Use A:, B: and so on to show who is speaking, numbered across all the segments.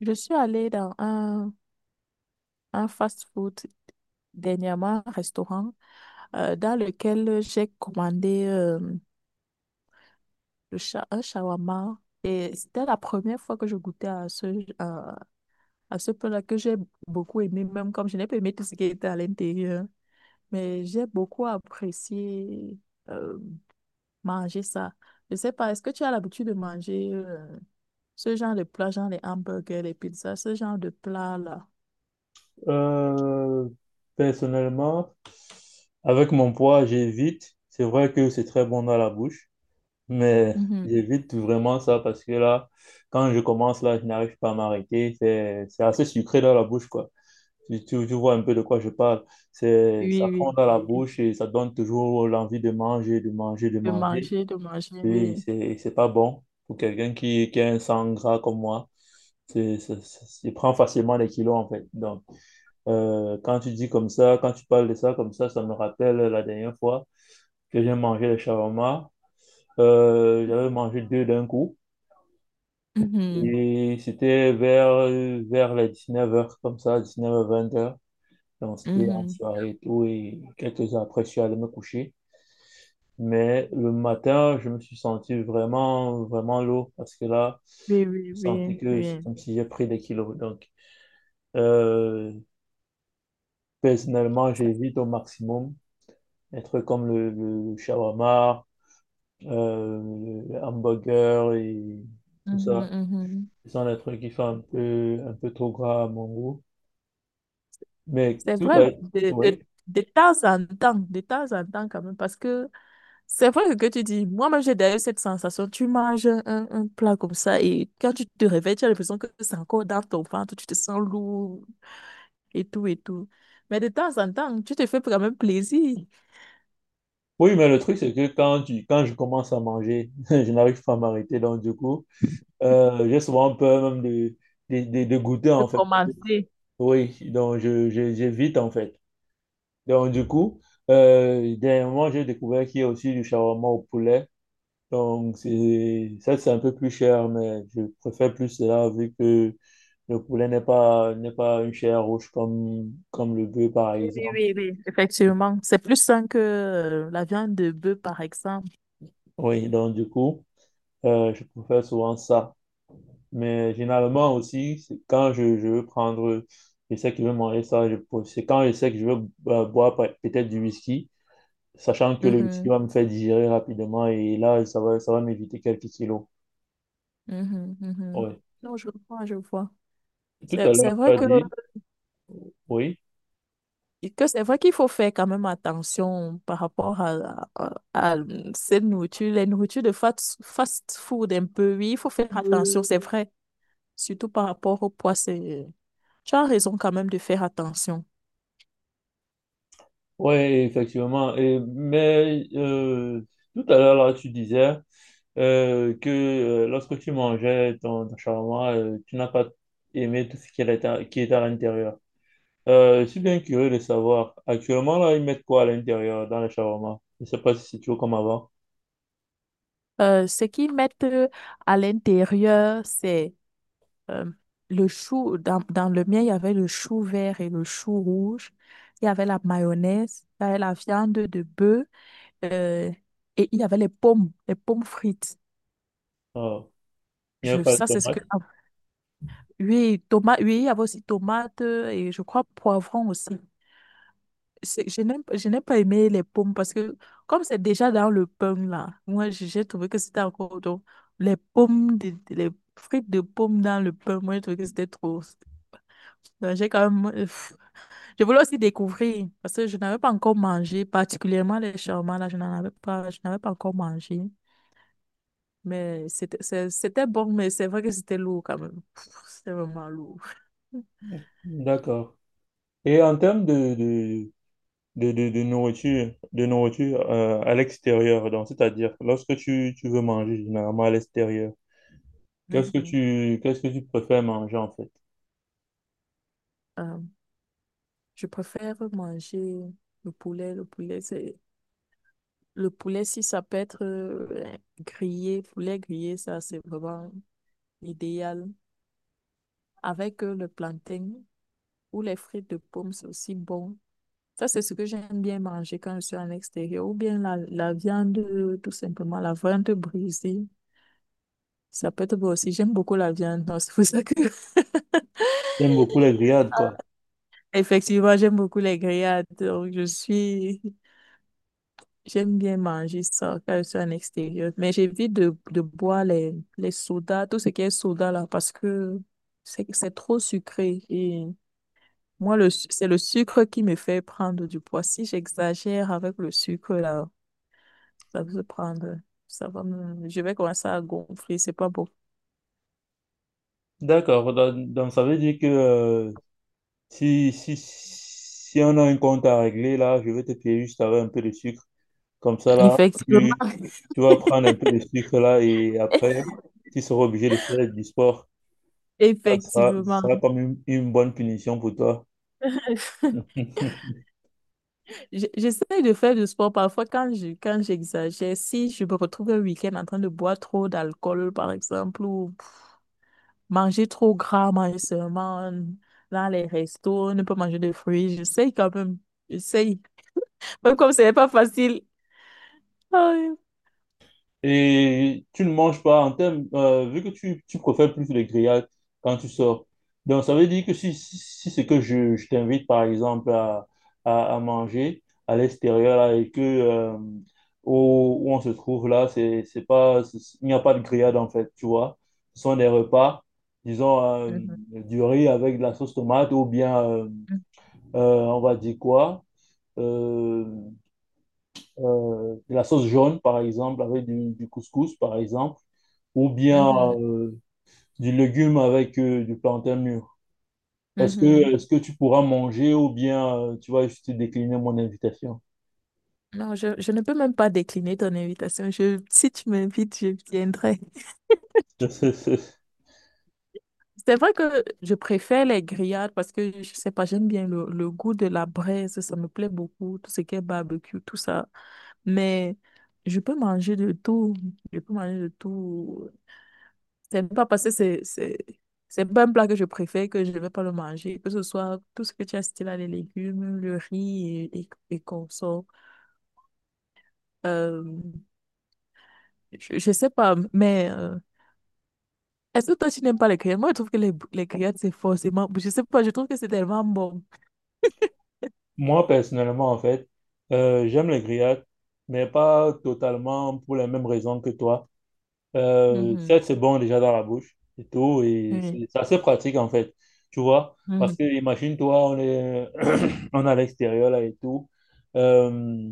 A: Je suis allée dans un fast-food dernièrement, un restaurant, dans lequel j'ai commandé un shawarma. Et c'était la première fois que je goûtais à, à ce plat que j'ai beaucoup aimé, même comme je n'ai pas aimé tout ce qui était à l'intérieur. Mais j'ai beaucoup apprécié euh, manger ça. Je sais pas, est-ce que tu as l'habitude de manger ce genre de plat, genre les hamburgers, les pizzas, ce genre de plat-là?
B: Euh, Personnellement, avec mon poids, j'évite. C'est vrai que c'est très bon dans la bouche, mais
A: Mhm.
B: j'évite vraiment ça parce que là, quand je commence, là, je n'arrive pas à m'arrêter. C'est assez sucré dans la bouche, quoi. Tu vois un peu de quoi je parle.
A: Oui,
B: Ça fond
A: oui,
B: dans la
A: oui.
B: bouche et ça donne toujours l'envie de manger, de manger, de manger.
A: De manger,
B: Et
A: oui.
B: c'est pas bon pour quelqu'un qui a un sang gras comme moi. Il prend facilement des kilos, en fait. Donc, quand tu dis comme ça, quand tu parles de ça comme ça me rappelle la dernière fois que j'ai mangé les shawarma. J'avais mangé deux d'un coup
A: Mhm,
B: et c'était vers les 19 heures comme ça, 19h-20h. Donc c'était en
A: mhm.
B: soirée et tout et quelques heures après, je suis allé me coucher. Mais le matin, je me suis senti vraiment, vraiment lourd parce que là,
A: Oui, oui,
B: je sentais
A: oui,
B: que c'est
A: oui.
B: comme si j'ai pris des kilos. Donc, euh, personnellement,
A: Ça-
B: j'évite au maximum des trucs comme le shawarma, le hamburger et tout
A: mhm,
B: ça.
A: mhm.
B: Ce sont des trucs qui font un peu trop gras à mon goût. Mais
A: C'est
B: tout
A: vrai,
B: à... Oui.
A: de temps en temps, de temps en temps quand même, parce que c'est vrai que tu dis, moi-même j'ai d'ailleurs cette sensation, tu manges un plat comme ça et quand tu te réveilles, tu as l'impression que c'est encore dans ton ventre, tu te sens lourd et tout et tout. Mais de temps en temps, tu te fais quand même plaisir
B: Oui, mais le truc, c'est que quand je commence à manger, je n'arrive pas à m'arrêter. Donc, du coup, j'ai souvent peur même de goûter,
A: de
B: en fait.
A: commencer.
B: Oui, donc j'évite, en fait. Donc, du coup, dernièrement, j'ai découvert qu'il y a aussi du shawarma au poulet. Donc, ça, c'est un peu plus cher, mais je préfère plus cela vu que le poulet n'est pas une chair rouge comme le bœuf, par
A: Oui, oui,
B: exemple.
A: oui, oui. Effectivement, c'est plus sain que la viande de bœuf, par exemple.
B: Oui, donc du coup, je préfère souvent ça. Mais généralement aussi, c'est quand je veux prendre, je sais que je veux manger ça, c'est quand je sais que je veux boire peut-être du whisky, sachant que le whisky
A: Mhm,
B: va me faire digérer rapidement et là, ça va m'éviter quelques kilos.
A: mhm, mhm.
B: Oui.
A: Non, je vois, je vois.
B: Tout
A: C'est
B: à
A: c'est
B: l'heure, tu
A: vrai
B: as
A: que,
B: dit, oui.
A: que c'est vrai qu'il faut faire quand même attention par rapport à cette nourriture, les nourritures de fast food un peu. Oui, il faut faire attention, c'est vrai. Surtout par rapport au poids. Tu as raison quand même de faire attention.
B: Oui, effectivement. Mais tout à l'heure, là, tu disais que lorsque tu mangeais ton shawarma, tu n'as pas aimé tout ce qui était qui était à l'intérieur. Je suis bien curieux de savoir. Actuellement, là, ils mettent quoi à l'intérieur dans le shawarma? Je ne sais pas si c'est toujours comme avant.
A: Ce qu'ils mettent à l'intérieur, c'est euh, le chou, dans le mien, il y avait le chou vert et le chou rouge. Il y avait la mayonnaise, il y avait la viande de bœuf, euh, et il y avait les pommes frites.
B: Ah, il n'y a pas de
A: Ça, c'est ce
B: tomate.
A: que... Ah, oui, tomate, oui, il y avait aussi tomate et je crois poivron aussi. Je n'ai pas aimé les pommes parce que comme c'est déjà dans le pain là, moi j'ai trouvé que c'était encore trop. Les pommes, les frites de pommes dans le pain, moi j'ai trouvé que c'était trop. Donc, j'ai quand même. Je voulais aussi découvrir parce que je n'avais pas encore mangé, particulièrement les shawarma, là, je n'avais pas encore mangé. Mais c'était bon, mais c'est vrai que c'était lourd quand même. C'était vraiment lourd.
B: D'accord. Et en termes de nourriture, de nourriture, à l'extérieur. Donc, c'est-à-dire, lorsque tu veux manger généralement à l'extérieur, qu'est-ce que
A: Mhm.
B: tu, qu'est-ce que tu préfères manger en fait?
A: Euh, je préfère manger le poulet. Le poulet, c'est Le poulet, si ça peut être grillé, poulet grillé, ça c'est vraiment idéal. Avec le plantain ou les frites de pomme, c'est aussi bon. Ça, c'est ce que j'aime bien manger quand je suis en extérieur. Ou bien la viande, tout simplement, la viande brisée. Ça peut être bon aussi. J'aime beaucoup la viande, donc c'est pour ça que...
B: J'aime beaucoup les grillades, quoi.
A: Effectivement, j'aime beaucoup les grillades. Donc, je suis J'aime bien manger ça quand je suis en extérieur, mais j'évite de boire les sodas, tout ce qui est soda là, parce que c'est trop sucré. Et moi, c'est le sucre qui me fait prendre du poids. Si j'exagère avec le sucre là, ça va se prendre, ça va me- je vais commencer à gonfler, c'est pas beau.
B: D'accord. Donc, ça veut dire que si on a un compte à régler, là, je vais te payer juste avec un peu de sucre. Comme ça, là,
A: Effectivement.
B: tu, tu vas prendre un peu de sucre, là, et après, tu seras obligé de faire du sport. Ça
A: Effectivement.
B: sera comme une bonne punition pour toi.
A: J'essaie de faire du sport parfois quand j'exagère. Si je me retrouve un week-end en train de boire trop d'alcool, par exemple, ou manger trop gras, manger seulement dans les restos, ne pas manger de fruits, j'essaie quand même. J'essaie. Même comme ce n'est pas facile. Aïe.
B: Et tu ne manges pas en termes, vu que tu préfères plus les grillades quand tu sors. Donc, ça veut dire que si c'est que je t'invite, par exemple, à manger à l'extérieur là, et que où on se trouve là, c'est pas, c'est- il n'y a pas de grillade en fait, tu vois. Ce sont des repas, disons,
A: Mhm,
B: du riz avec de la sauce tomate ou bien, on va dire quoi? euh, de la sauce jaune, par exemple, avec du couscous, par exemple, ou bien
A: mhm,
B: euh, du légume avec du plantain mûr. Est-ce que,
A: mhm.
B: est-ce que tu pourras manger ou bien tu vas juste décliner mon invitation?
A: Non, je ne peux même pas décliner ton invitation. Si tu m'invites, je viendrai. C'est vrai que je préfère les grillades parce que je sais pas, j'aime bien le goût de la braise, ça me plaît beaucoup, tout ce qui est barbecue, tout ça. Mais je peux manger de tout, je peux manger de tout. C'est pas parce que c'est pas un plat que je préfère que je ne vais pas le manger, que ce soit tout ce que tu as cité là, les légumes, le riz et qu'on. Euh, je sais pas, mais est-ce que toi tu n'aimes pas les grillades? Moi je trouve que les grillades c'est forcément, je sais pas, je trouve que c'est tellement bon.
B: Moi, personnellement, en fait, j'aime les grillades, mais pas totalement pour les mêmes raisons que toi.
A: Mhm.
B: 7, c'est bon déjà dans la bouche et tout. Et
A: Oui.
B: c'est assez pratique en fait, tu vois. Parce
A: Mhm.
B: que imagine-toi, on est, on est à l'extérieur là et tout. Euh,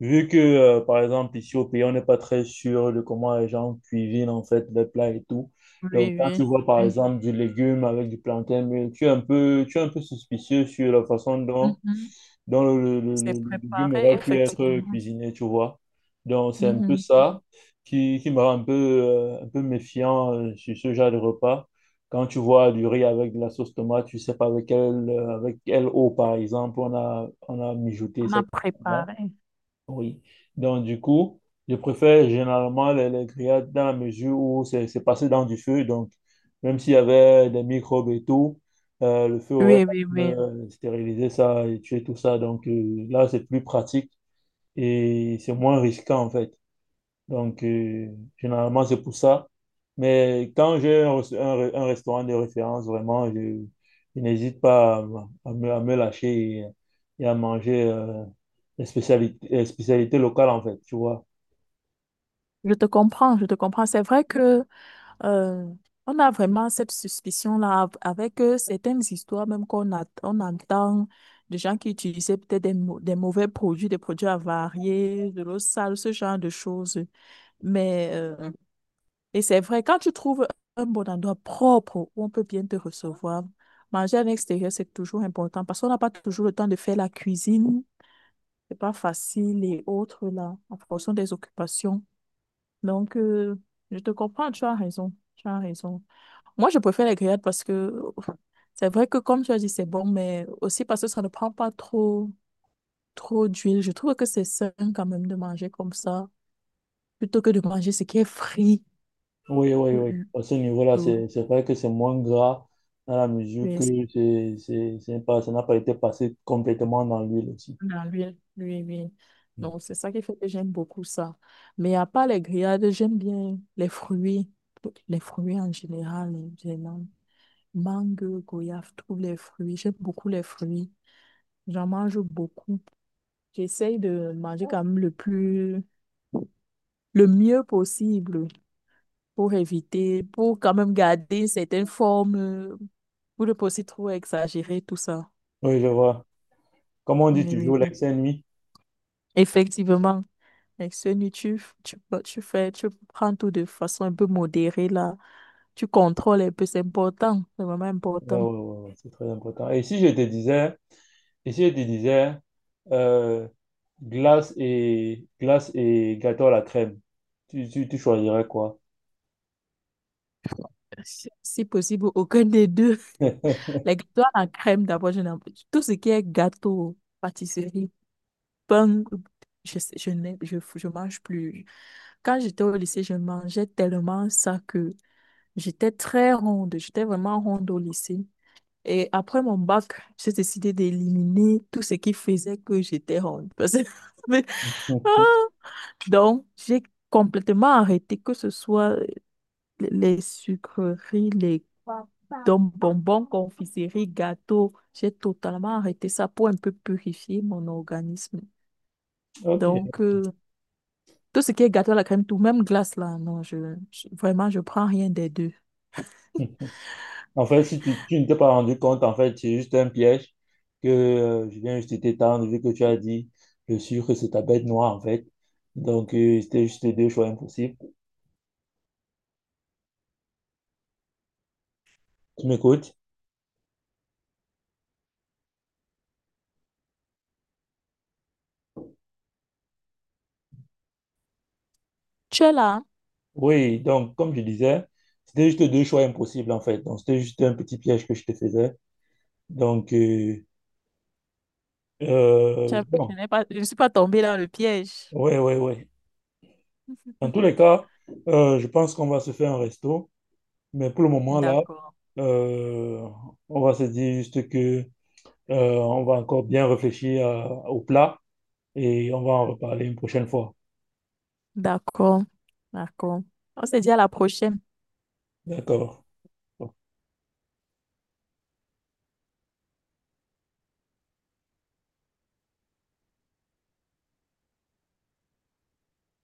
B: Vu que, par exemple, ici au pays, on n'est pas très sûr de comment les gens cuisinent en fait les plats et tout. Donc,
A: Oui,
B: quand tu
A: oui,
B: vois par
A: oui.
B: exemple du légume avec du plantain, mais tu es un peu suspicieux sur la façon dont
A: Mhm.
B: le
A: C'est
B: légume
A: préparé,
B: aurait pu être
A: effectivement.
B: cuisiné, tu vois. Donc, c'est un peu
A: Mhm.
B: ça qui me rend un peu méfiant sur ce genre de repas. Quand tu vois du riz avec de la sauce tomate, tu sais pas avec quelle eau, par exemple, on a mijoté
A: On a
B: cette tomate.
A: préparé.
B: Oui. Donc, du coup, je préfère généralement les grillades dans la mesure où c'est passé dans du feu. Donc, même s'il y avait des microbes et tout, le feu aurait
A: Oui,
B: quand
A: oui,
B: même,
A: oui.
B: stérilisé ça et tué tout ça. Donc, là, c'est plus pratique et c'est moins risquant, en fait. Donc, généralement, c'est pour ça. Mais quand j'ai un restaurant de référence, vraiment, je n'hésite pas à me lâcher et à manger les spécialités, locales, en fait, tu vois.
A: Je te comprends, je te comprends. C'est vrai que euh, on a vraiment cette suspicion-là avec certaines histoires, même on entend de gens qui utilisaient peut-être des mauvais produits, des produits avariés, de l'eau sale, ce genre de choses. Mais euh, Et c'est vrai, quand tu trouves un bon endroit propre où on peut bien te recevoir, manger à l'extérieur, c'est toujours important parce qu'on n'a pas toujours le temps de faire la cuisine. C'est pas facile et autres là, en fonction des occupations. Donc, je te comprends, tu as raison. Tu as raison. Moi, je préfère les grillades parce que c'est vrai que, comme tu as dit, c'est bon, mais aussi parce que ça ne prend pas trop, trop d'huile. Je trouve que c'est sain quand même de manger comme ça plutôt que de manger ce qui est frit.
B: Oui, oui,
A: Euh,
B: oui. À ce niveau-là,
A: euh,
B: c'est vrai que c'est moins gras dans la mesure que
A: Mais
B: c'est pas, ça n'a pas été passé complètement dans l'huile aussi.
A: à l'huile, l'huile, l'huile.
B: Mm.
A: Donc, c'est ça qui fait que j'aime beaucoup ça. Mais à part les grillades, j'aime bien les fruits en général, vraiment. Mangue, goyave, tous les fruits. J'aime beaucoup les fruits. J'en mange beaucoup. J'essaye de manger quand même le plus, le mieux possible pour éviter, pour quand même garder certaines formes, pour ne pas aussi trop exagérer tout ça.
B: Oui, je vois. Comme on dit
A: Oui,
B: toujours,
A: oui, oui.
B: l'excès nuit.
A: Effectivement. Avec ce nu, bah, tu prends tout de façon un peu modérée, là. Tu contrôles un peu, c'est important. C'est vraiment
B: Ouais,
A: important.
B: ouais, ouais, ouais, c'est très important. Et si je te disais Ici, je te disais, euh, glace glace et gâteau à la crème. Tu choisirais quoi?
A: Si possible, aucun des deux. Les gâteaux à la crème, d'abord, je n'aime pas. Tout ce qui est gâteau, pâtisserie, pain, je, sais- je, n'ai- je mange plus. Quand j'étais au lycée, je mangeais tellement ça que j'étais très ronde. J'étais vraiment ronde au lycée. Et après mon bac, j'ai décidé d'éliminer tout ce qui faisait que j'étais ronde. Parce que Donc, j'ai complètement arrêté que ce soit les sucreries, les donc bonbons, confiseries, gâteaux. J'ai totalement arrêté ça pour un peu purifier mon organisme.
B: Ok.
A: Donc, tout ce qui est gâteau à la crème, tout, même glace là, non, vraiment, je prends rien des deux.
B: En
A: Tu
B: fait, si tu ne t'es pas rendu compte, en fait, c'est juste un piège que je viens juste t'étendre, vu que tu as dit le sucre, c'est ta bête noire, en fait. Donc, c'était juste deux choix impossibles. Tu m'écoutes?
A: es là, hein?
B: Oui, donc, comme je disais, c'était juste deux choix impossibles, en fait. Donc, c'était juste un petit piège que je te faisais. Donc,
A: Tu as- Je
B: bon.
A: n'ai pas... je ne suis pas tombée dans le piège.
B: Oui, oui, oui. Dans tous les cas, je pense qu'on va se faire un resto. Mais pour le moment, là,
A: D'accord.
B: euh, on va se dire juste que, on va encore bien réfléchir au plat et on va en reparler une prochaine fois.
A: D'accord. D'accord. On se dit à la prochaine.
B: D'accord.